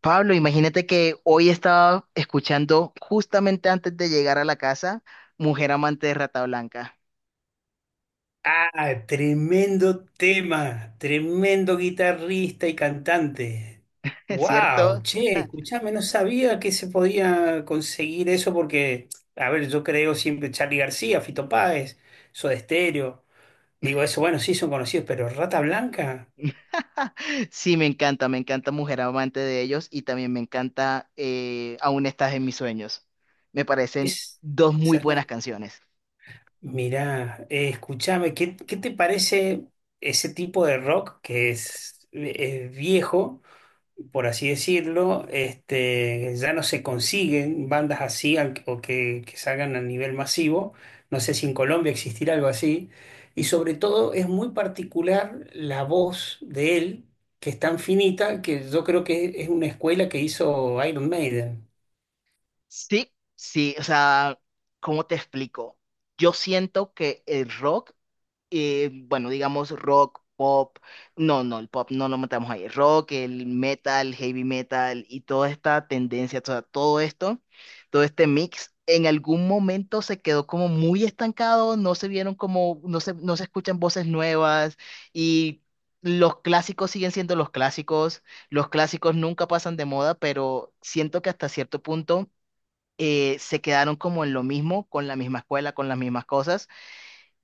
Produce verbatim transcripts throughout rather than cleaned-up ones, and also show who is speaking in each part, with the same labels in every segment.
Speaker 1: Pablo, imagínate que hoy estaba escuchando justamente antes de llegar a la casa, Mujer Amante de Rata Blanca.
Speaker 2: Ah, tremendo tema, tremendo guitarrista y cantante.
Speaker 1: ¿Es
Speaker 2: Wow,
Speaker 1: cierto?
Speaker 2: che, escuchame, no sabía que se podía conseguir eso porque, a ver, yo creo siempre Charly García, Fito Páez, Soda Stereo. Digo, eso, bueno, sí son conocidos, pero Rata Blanca
Speaker 1: Sí, me encanta, me encanta Mujer Amante de ellos y también me encanta eh, Aún estás en mis sueños. Me parecen
Speaker 2: es.
Speaker 1: dos muy
Speaker 2: Esa no-
Speaker 1: buenas canciones.
Speaker 2: Mirá, eh, escuchame, ¿qué, qué te parece ese tipo de rock que es, eh, ¿es viejo? Por así decirlo, este, ya no se consiguen bandas así al- o que, que salgan a nivel masivo. No sé si en Colombia existirá algo así. Y sobre todo es muy particular la voz de él, que es tan finita que yo creo que es una escuela que hizo Iron Maiden.
Speaker 1: Sí, sí, o sea, ¿cómo te explico? Yo siento que el rock eh, bueno, digamos rock, pop, no, no, el pop no lo matamos ahí, rock, el metal, heavy metal y toda esta tendencia, toda- todo esto, todo este mix, en algún momento se quedó como muy estancado, no se vieron como, no se, no se escuchan voces nuevas, y los clásicos siguen siendo los clásicos, los clásicos nunca pasan de moda, pero siento que hasta cierto punto eh, se quedaron como en lo mismo, con la misma escuela, con las mismas cosas.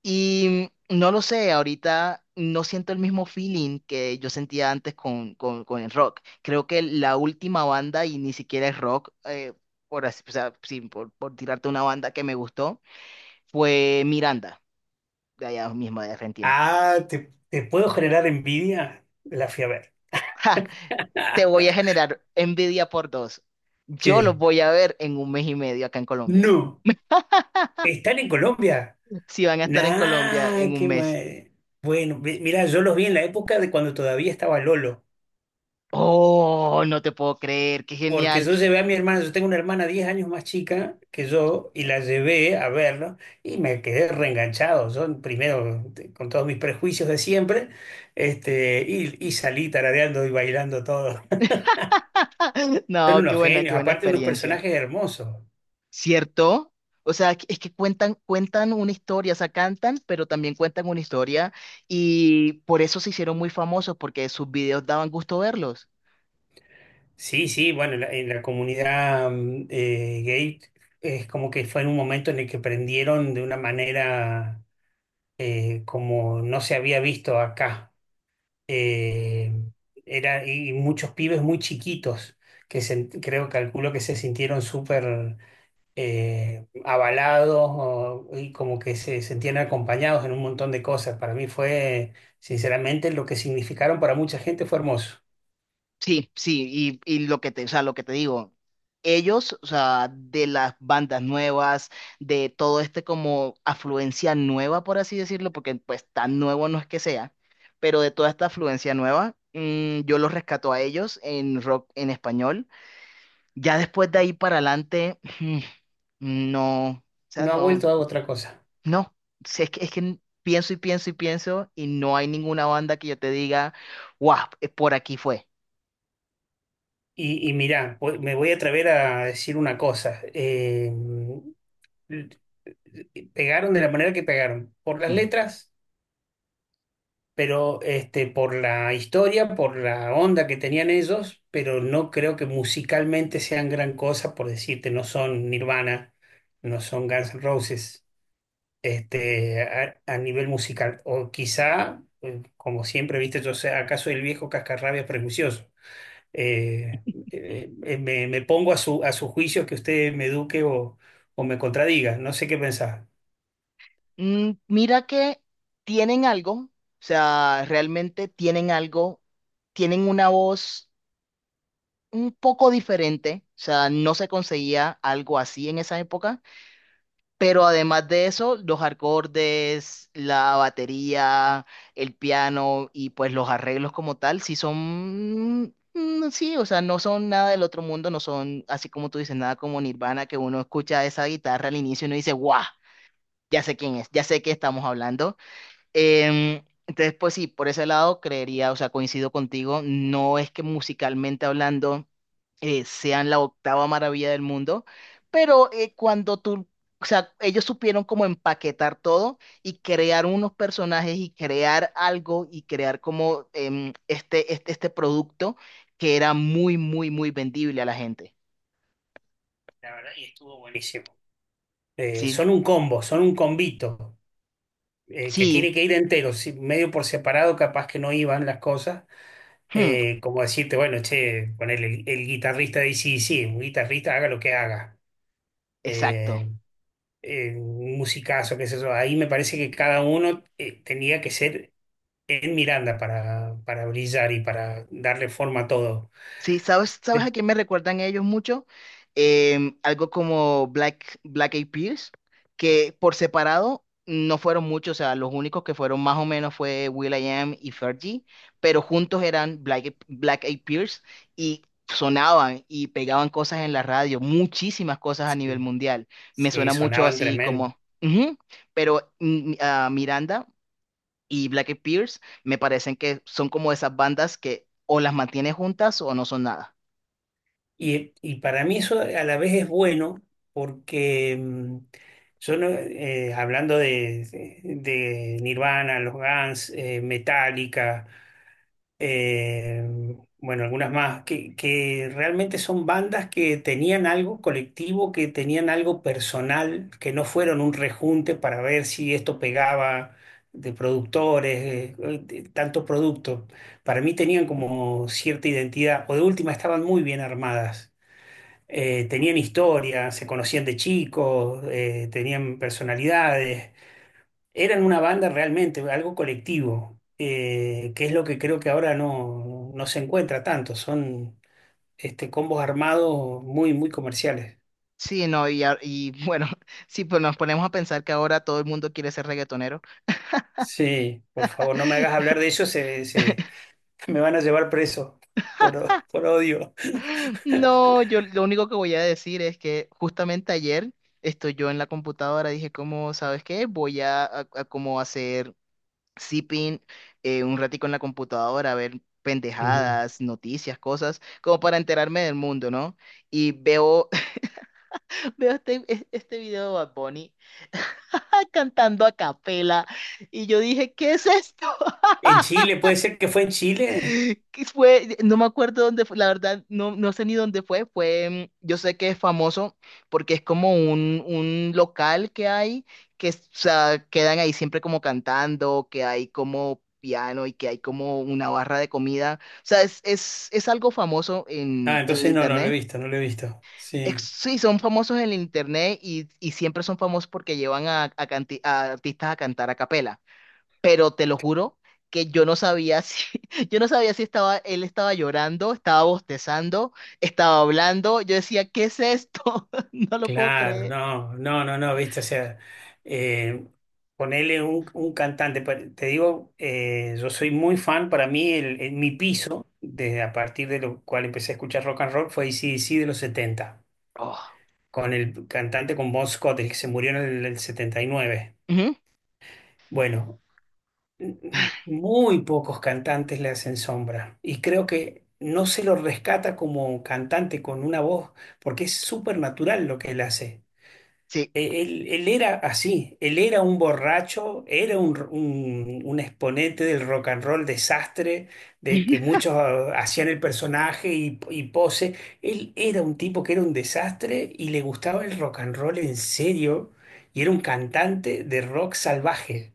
Speaker 1: Y no lo sé, ahorita no siento el mismo feeling que yo sentía antes con, con, con el rock. Creo que la última banda, y ni siquiera es rock, eh, por, así- o sea, sí, por, por tirarte una banda que me gustó, fue Miranda, de allá mismo de Argentina.
Speaker 2: Ah, ¿te, te puedo generar envidia? La fui a ver.
Speaker 1: ¡Ja! Te voy a generar envidia por dos. Yo los
Speaker 2: ¿Qué?
Speaker 1: voy a ver en un mes y medio acá en Colombia.
Speaker 2: No. ¿Están en Colombia?
Speaker 1: Si van a estar en Colombia en
Speaker 2: Nah,
Speaker 1: un
Speaker 2: qué
Speaker 1: mes.
Speaker 2: mal. Bueno, mi- mirá, yo los vi en la época de cuando todavía estaba Lolo.
Speaker 1: Oh, no te puedo creer, qué
Speaker 2: Porque
Speaker 1: genial.
Speaker 2: yo llevé a mi hermana, yo tengo una hermana diez años más chica que yo, y la llevé a verlo, y me quedé reenganchado. Yo, primero, te- con todos mis prejuicios de siempre, este, y, y salí tarareando y bailando todo. Son
Speaker 1: No, qué
Speaker 2: unos
Speaker 1: buena, qué
Speaker 2: genios,
Speaker 1: buena
Speaker 2: aparte unos
Speaker 1: experiencia.
Speaker 2: personajes hermosos.
Speaker 1: ¿Cierto? O sea, que- es que cuentan, cuentan una historia, o sea, cantan, pero también cuentan una historia y por eso se hicieron muy famosos, porque sus videos daban gusto verlos.
Speaker 2: Sí, sí, bueno, en la, en la comunidad mm, eh, gay es como que fue en un momento en el que prendieron de una manera eh, como no se había visto acá. eh, era, y muchos pibes muy chiquitos que se- creo, calculo que se sintieron súper eh, avalados o- y como que se sentían acompañados en un montón de cosas. Para mí fue, sinceramente, lo que significaron para mucha gente fue hermoso.
Speaker 1: Sí, sí, y, y lo que te, o sea, lo que te digo, ellos, o sea, de las bandas nuevas, de todo este como afluencia nueva, por así decirlo, porque pues tan nuevo no es que sea, pero de toda esta afluencia nueva, mm, yo los rescato a ellos en rock en español. Ya después de ahí para adelante, no, o sea,
Speaker 2: No ha vuelto
Speaker 1: no,
Speaker 2: a otra cosa.
Speaker 1: no. Si es que, es que pienso y pienso y pienso y no hay ninguna banda que yo te diga, guau, eh, por aquí fue.
Speaker 2: Y, y mirá, voy- me voy a atrever a decir una cosa. eh, pegaron de la manera que pegaron, por las
Speaker 1: Ujú.
Speaker 2: letras, pero este, por la historia, por la onda que tenían ellos, pero no creo que musicalmente sean gran cosa, por decirte, no son Nirvana, no son Guns N' Roses, este, a, a nivel musical. O quizá, eh, como siempre, viste, yo sé, acaso el viejo cascarrabias prejuicioso. Eh, eh, eh, me, me pongo a su, a su juicio que usted me eduque o, o me contradiga, no sé qué pensar.
Speaker 1: Mm, mira que tienen algo, o sea, realmente tienen algo, tienen una voz un poco diferente, o sea, no se conseguía algo así en esa época. Pero además de eso, los acordes, la batería, el piano y pues los arreglos como tal, sí son, mm, sí, o sea, no son nada del otro mundo, no son, así como tú dices, nada como Nirvana, que uno escucha esa guitarra al inicio y uno dice, ¡guau! Ya sé quién es, ya sé qué estamos hablando. Em, entonces, pues sí, por ese lado creería, o sea, coincido contigo, no es que musicalmente hablando eh, sean la octava maravilla del mundo, pero eh, cuando tú, o sea, ellos supieron como empaquetar todo y crear unos personajes y crear algo y crear como em, este, este, este producto que era muy, muy, muy vendible a la gente.
Speaker 2: La verdad, y estuvo buenísimo. Eh,
Speaker 1: Sí,
Speaker 2: son un combo, son un combito. Eh, que
Speaker 1: sí,
Speaker 2: tiene que ir entero, si- medio por separado, capaz que no iban las cosas.
Speaker 1: hmm,
Speaker 2: Eh, como decirte, bueno, che, ponerle el, el guitarrista de ac un guitarrista haga lo que haga.
Speaker 1: exacto.
Speaker 2: Eh, eh, un musicazo, qué sé yo. Ahí me parece que cada uno eh, tenía que ser en Miranda para, para brillar y para darle forma a todo.
Speaker 1: Sí, ¿sabes, sabes
Speaker 2: De-
Speaker 1: a quién me recuerdan ellos mucho? Em, algo como Black, Black Eyed Peas, que por separado no fueron muchos, o sea, los únicos que fueron más o menos fue will.i.am y Fergie, pero juntos eran Black, Eyed- Black Eyed Peas y sonaban y pegaban cosas en la radio, muchísimas cosas a nivel
Speaker 2: Sí,
Speaker 1: mundial. Me
Speaker 2: sí,
Speaker 1: suena mucho
Speaker 2: sonaban
Speaker 1: así
Speaker 2: tremendo.
Speaker 1: como, ujú, pero mm, a Miranda y Black Eyed Peas me parecen que son como esas bandas que o las mantienes juntas o no son nada.
Speaker 2: Y, y para mí eso a la vez es bueno porque mm, yo no- eh, hablando de, de Nirvana, los Guns, eh, Metallica, eh, bueno, algunas más, que, que realmente son bandas que tenían algo colectivo, que tenían algo personal, que no fueron un rejunte para ver si esto pegaba de productores, eh, eh, de tanto producto. Para mí tenían como cierta identidad, o de última estaban muy bien armadas, eh, tenían historia, se conocían de chicos, eh, tenían personalidades, eran una banda realmente, algo colectivo, eh, que es lo que creo que ahora no, no se encuentra tanto, son este, combos armados muy, muy comerciales.
Speaker 1: Sí, no, y, a- y bueno, sí, pues nos ponemos a pensar que ahora todo el mundo quiere ser reggaetonero.
Speaker 2: Sí, por favor, no me hagas hablar de eso, se, se- me van a llevar preso por, por odio.
Speaker 1: No, yo lo único que voy a decir es que justamente ayer estoy yo en la computadora, dije, como, ¿sabes qué? Voy a, a- a como hacer zipping eh, un ratico en la computadora, a ver
Speaker 2: Ujú.
Speaker 1: pendejadas, noticias, cosas, como para enterarme del mundo, ¿no? Y veo, veo este, este video de Bad Bunny cantando a capela y yo dije, ¿qué es esto?
Speaker 2: En Chile, puede ser que fue en Chile.
Speaker 1: Que fue, no me acuerdo dónde fue, la verdad, no, no sé ni dónde fue, fue, mm, yo sé que es famoso porque es como un, un local que hay, que es- o sea, quedan ahí siempre como cantando, que hay como piano y que hay como una barra de comida, o sea, es, es, es algo famoso
Speaker 2: Ah,
Speaker 1: en, en el
Speaker 2: entonces no, no lo he
Speaker 1: internet.
Speaker 2: visto, no lo he visto.
Speaker 1: Ex-
Speaker 2: Sí.
Speaker 1: Sí, son famosos en el internet y, y siempre son famosos porque llevan a, a canti- a artistas a cantar a capela, pero te lo juro que yo no sabía si, yo no sabía si estaba, él estaba llorando, estaba bostezando, estaba hablando. Yo decía, ¿qué es esto? No lo puedo
Speaker 2: Claro,
Speaker 1: creer.
Speaker 2: no, no, no, no, viste, o sea, eh, ponele un, un cantante, pa- te digo, eh, yo soy muy fan, para mí el, el- mi piso, desde a partir de lo cual empecé a escuchar rock and roll, fue ac de los setenta,
Speaker 1: Oh.
Speaker 2: con el cantante con Bon Scott, el que se murió en el, el setenta y nueve.
Speaker 1: Ujú.
Speaker 2: Bueno, n- n- muy pocos cantantes le hacen sombra y creo que no se lo rescata como cantante con una voz, porque es súper natural lo que él hace.
Speaker 1: Sí.
Speaker 2: Eh, Él, él era así, él era un borracho, era un, un- un exponente del rock and roll desastre, de que muchos ah, hacían el personaje y, y pose. Él era un tipo que era un desastre y le gustaba el rock and roll en serio y era un cantante de rock salvaje.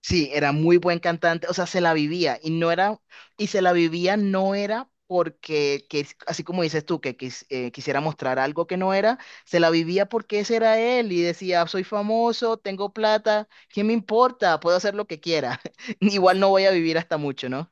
Speaker 1: Sí, era muy buen cantante, o sea, se la vivía y no era, y se la vivía no era porque, que, así como dices tú, que quis- eh, quisiera mostrar algo que no era, se la vivía porque ese era él y decía, soy famoso, tengo plata, ¿qué me importa? Puedo hacer lo que quiera. Igual no voy a vivir hasta mucho, ¿no?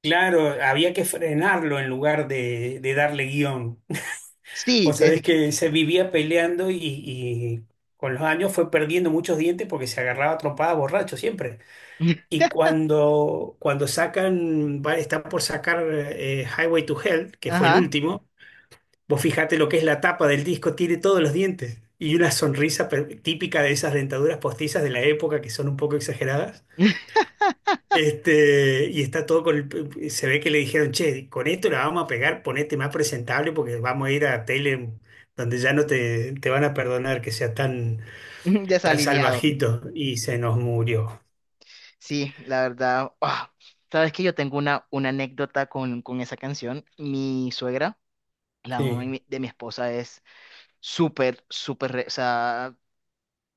Speaker 2: Claro, había que frenarlo en lugar de, de darle guión.
Speaker 1: Sí,
Speaker 2: Vos sabés
Speaker 1: desi-
Speaker 2: que se vivía peleando y, y con los años fue perdiendo muchos dientes porque se agarraba a trompadas borracho siempre. Y cuando, cuando sacan, va- está por sacar eh, Highway to Hell, que fue el
Speaker 1: ajá,
Speaker 2: último, vos fijate lo que es la tapa del disco, tiene todos los dientes y una sonrisa per- típica de esas dentaduras postizas de la época que son un poco exageradas. Este, y está todo con el- se ve que le dijeron, che, con esto la vamos a pegar, ponete más presentable porque vamos a ir a tele donde ya no te, te van a perdonar que sea tan, tan
Speaker 1: desalineado.
Speaker 2: salvajito. Y se nos murió.
Speaker 1: Sí, la verdad, ah, sabes que yo tengo una, una anécdota con, con esa canción. Mi suegra, la mamá de
Speaker 2: Sí,
Speaker 1: mi de mi esposa es súper, súper, re- o sea,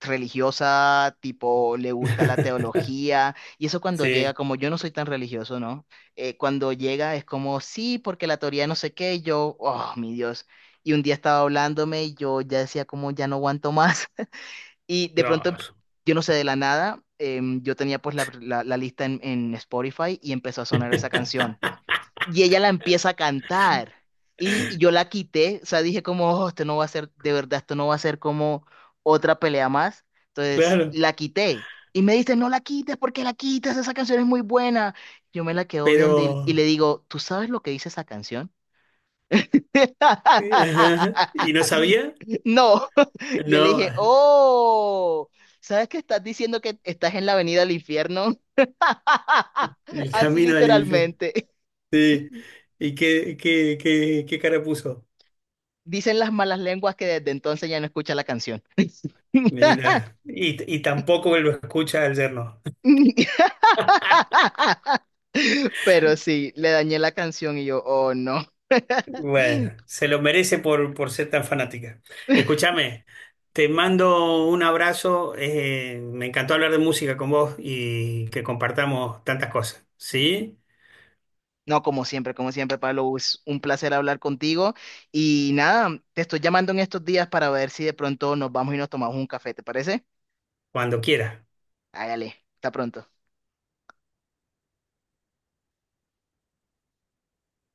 Speaker 1: religiosa, tipo, le gusta la teología, y eso cuando llega,
Speaker 2: sí,
Speaker 1: como yo no soy tan religioso, ¿no? Eh, cuando llega es como, sí, porque la teoría no sé qué, y yo, oh, mi Dios, y un día estaba hablándome y yo ya decía como, ya no aguanto más, y de pronto, em-
Speaker 2: claro.
Speaker 1: yo no sé, de la nada, em, yo tenía pues la, la- la lista en, en Spotify y empezó a sonar esa canción. Y ella la empieza a cantar. Y, y yo la quité, o sea, dije como, "Oh, esto no va a ser, de verdad, esto no va a ser como otra pelea más". Entonces,
Speaker 2: Claro,
Speaker 1: la quité. Y me dice, "No la quites, porque la quitas? Esa canción es muy buena". Yo me la quedo viendo y, y
Speaker 2: pero...
Speaker 1: le digo, ¿tú sabes lo que dice esa canción?
Speaker 2: eh, ajá, ¿Y no sabía?
Speaker 1: No, yo le
Speaker 2: No,
Speaker 1: dije, oh, ¿sabes que estás diciendo que estás en la avenida del infierno?
Speaker 2: el
Speaker 1: Así
Speaker 2: camino al infierno.
Speaker 1: literalmente.
Speaker 2: Sí. ¿Y qué, qué, qué, qué cara puso?
Speaker 1: Dicen las malas lenguas que desde entonces ya no escucha la canción.
Speaker 2: Mira, y, y tampoco lo escucha al yerno.
Speaker 1: Pero sí, le dañé la canción y yo, oh no.
Speaker 2: Bueno, se lo merece por, por ser tan fanática. Escúchame, te mando un abrazo. eh, me encantó hablar de música con vos y que compartamos tantas cosas. ¿Sí?
Speaker 1: No, como siempre, como siempre, Pablo, es un placer hablar contigo. Y nada, te estoy llamando en estos días para ver si de pronto nos vamos y nos tomamos un café, ¿te parece?
Speaker 2: Cuando quieras.
Speaker 1: Hágale, hasta pronto.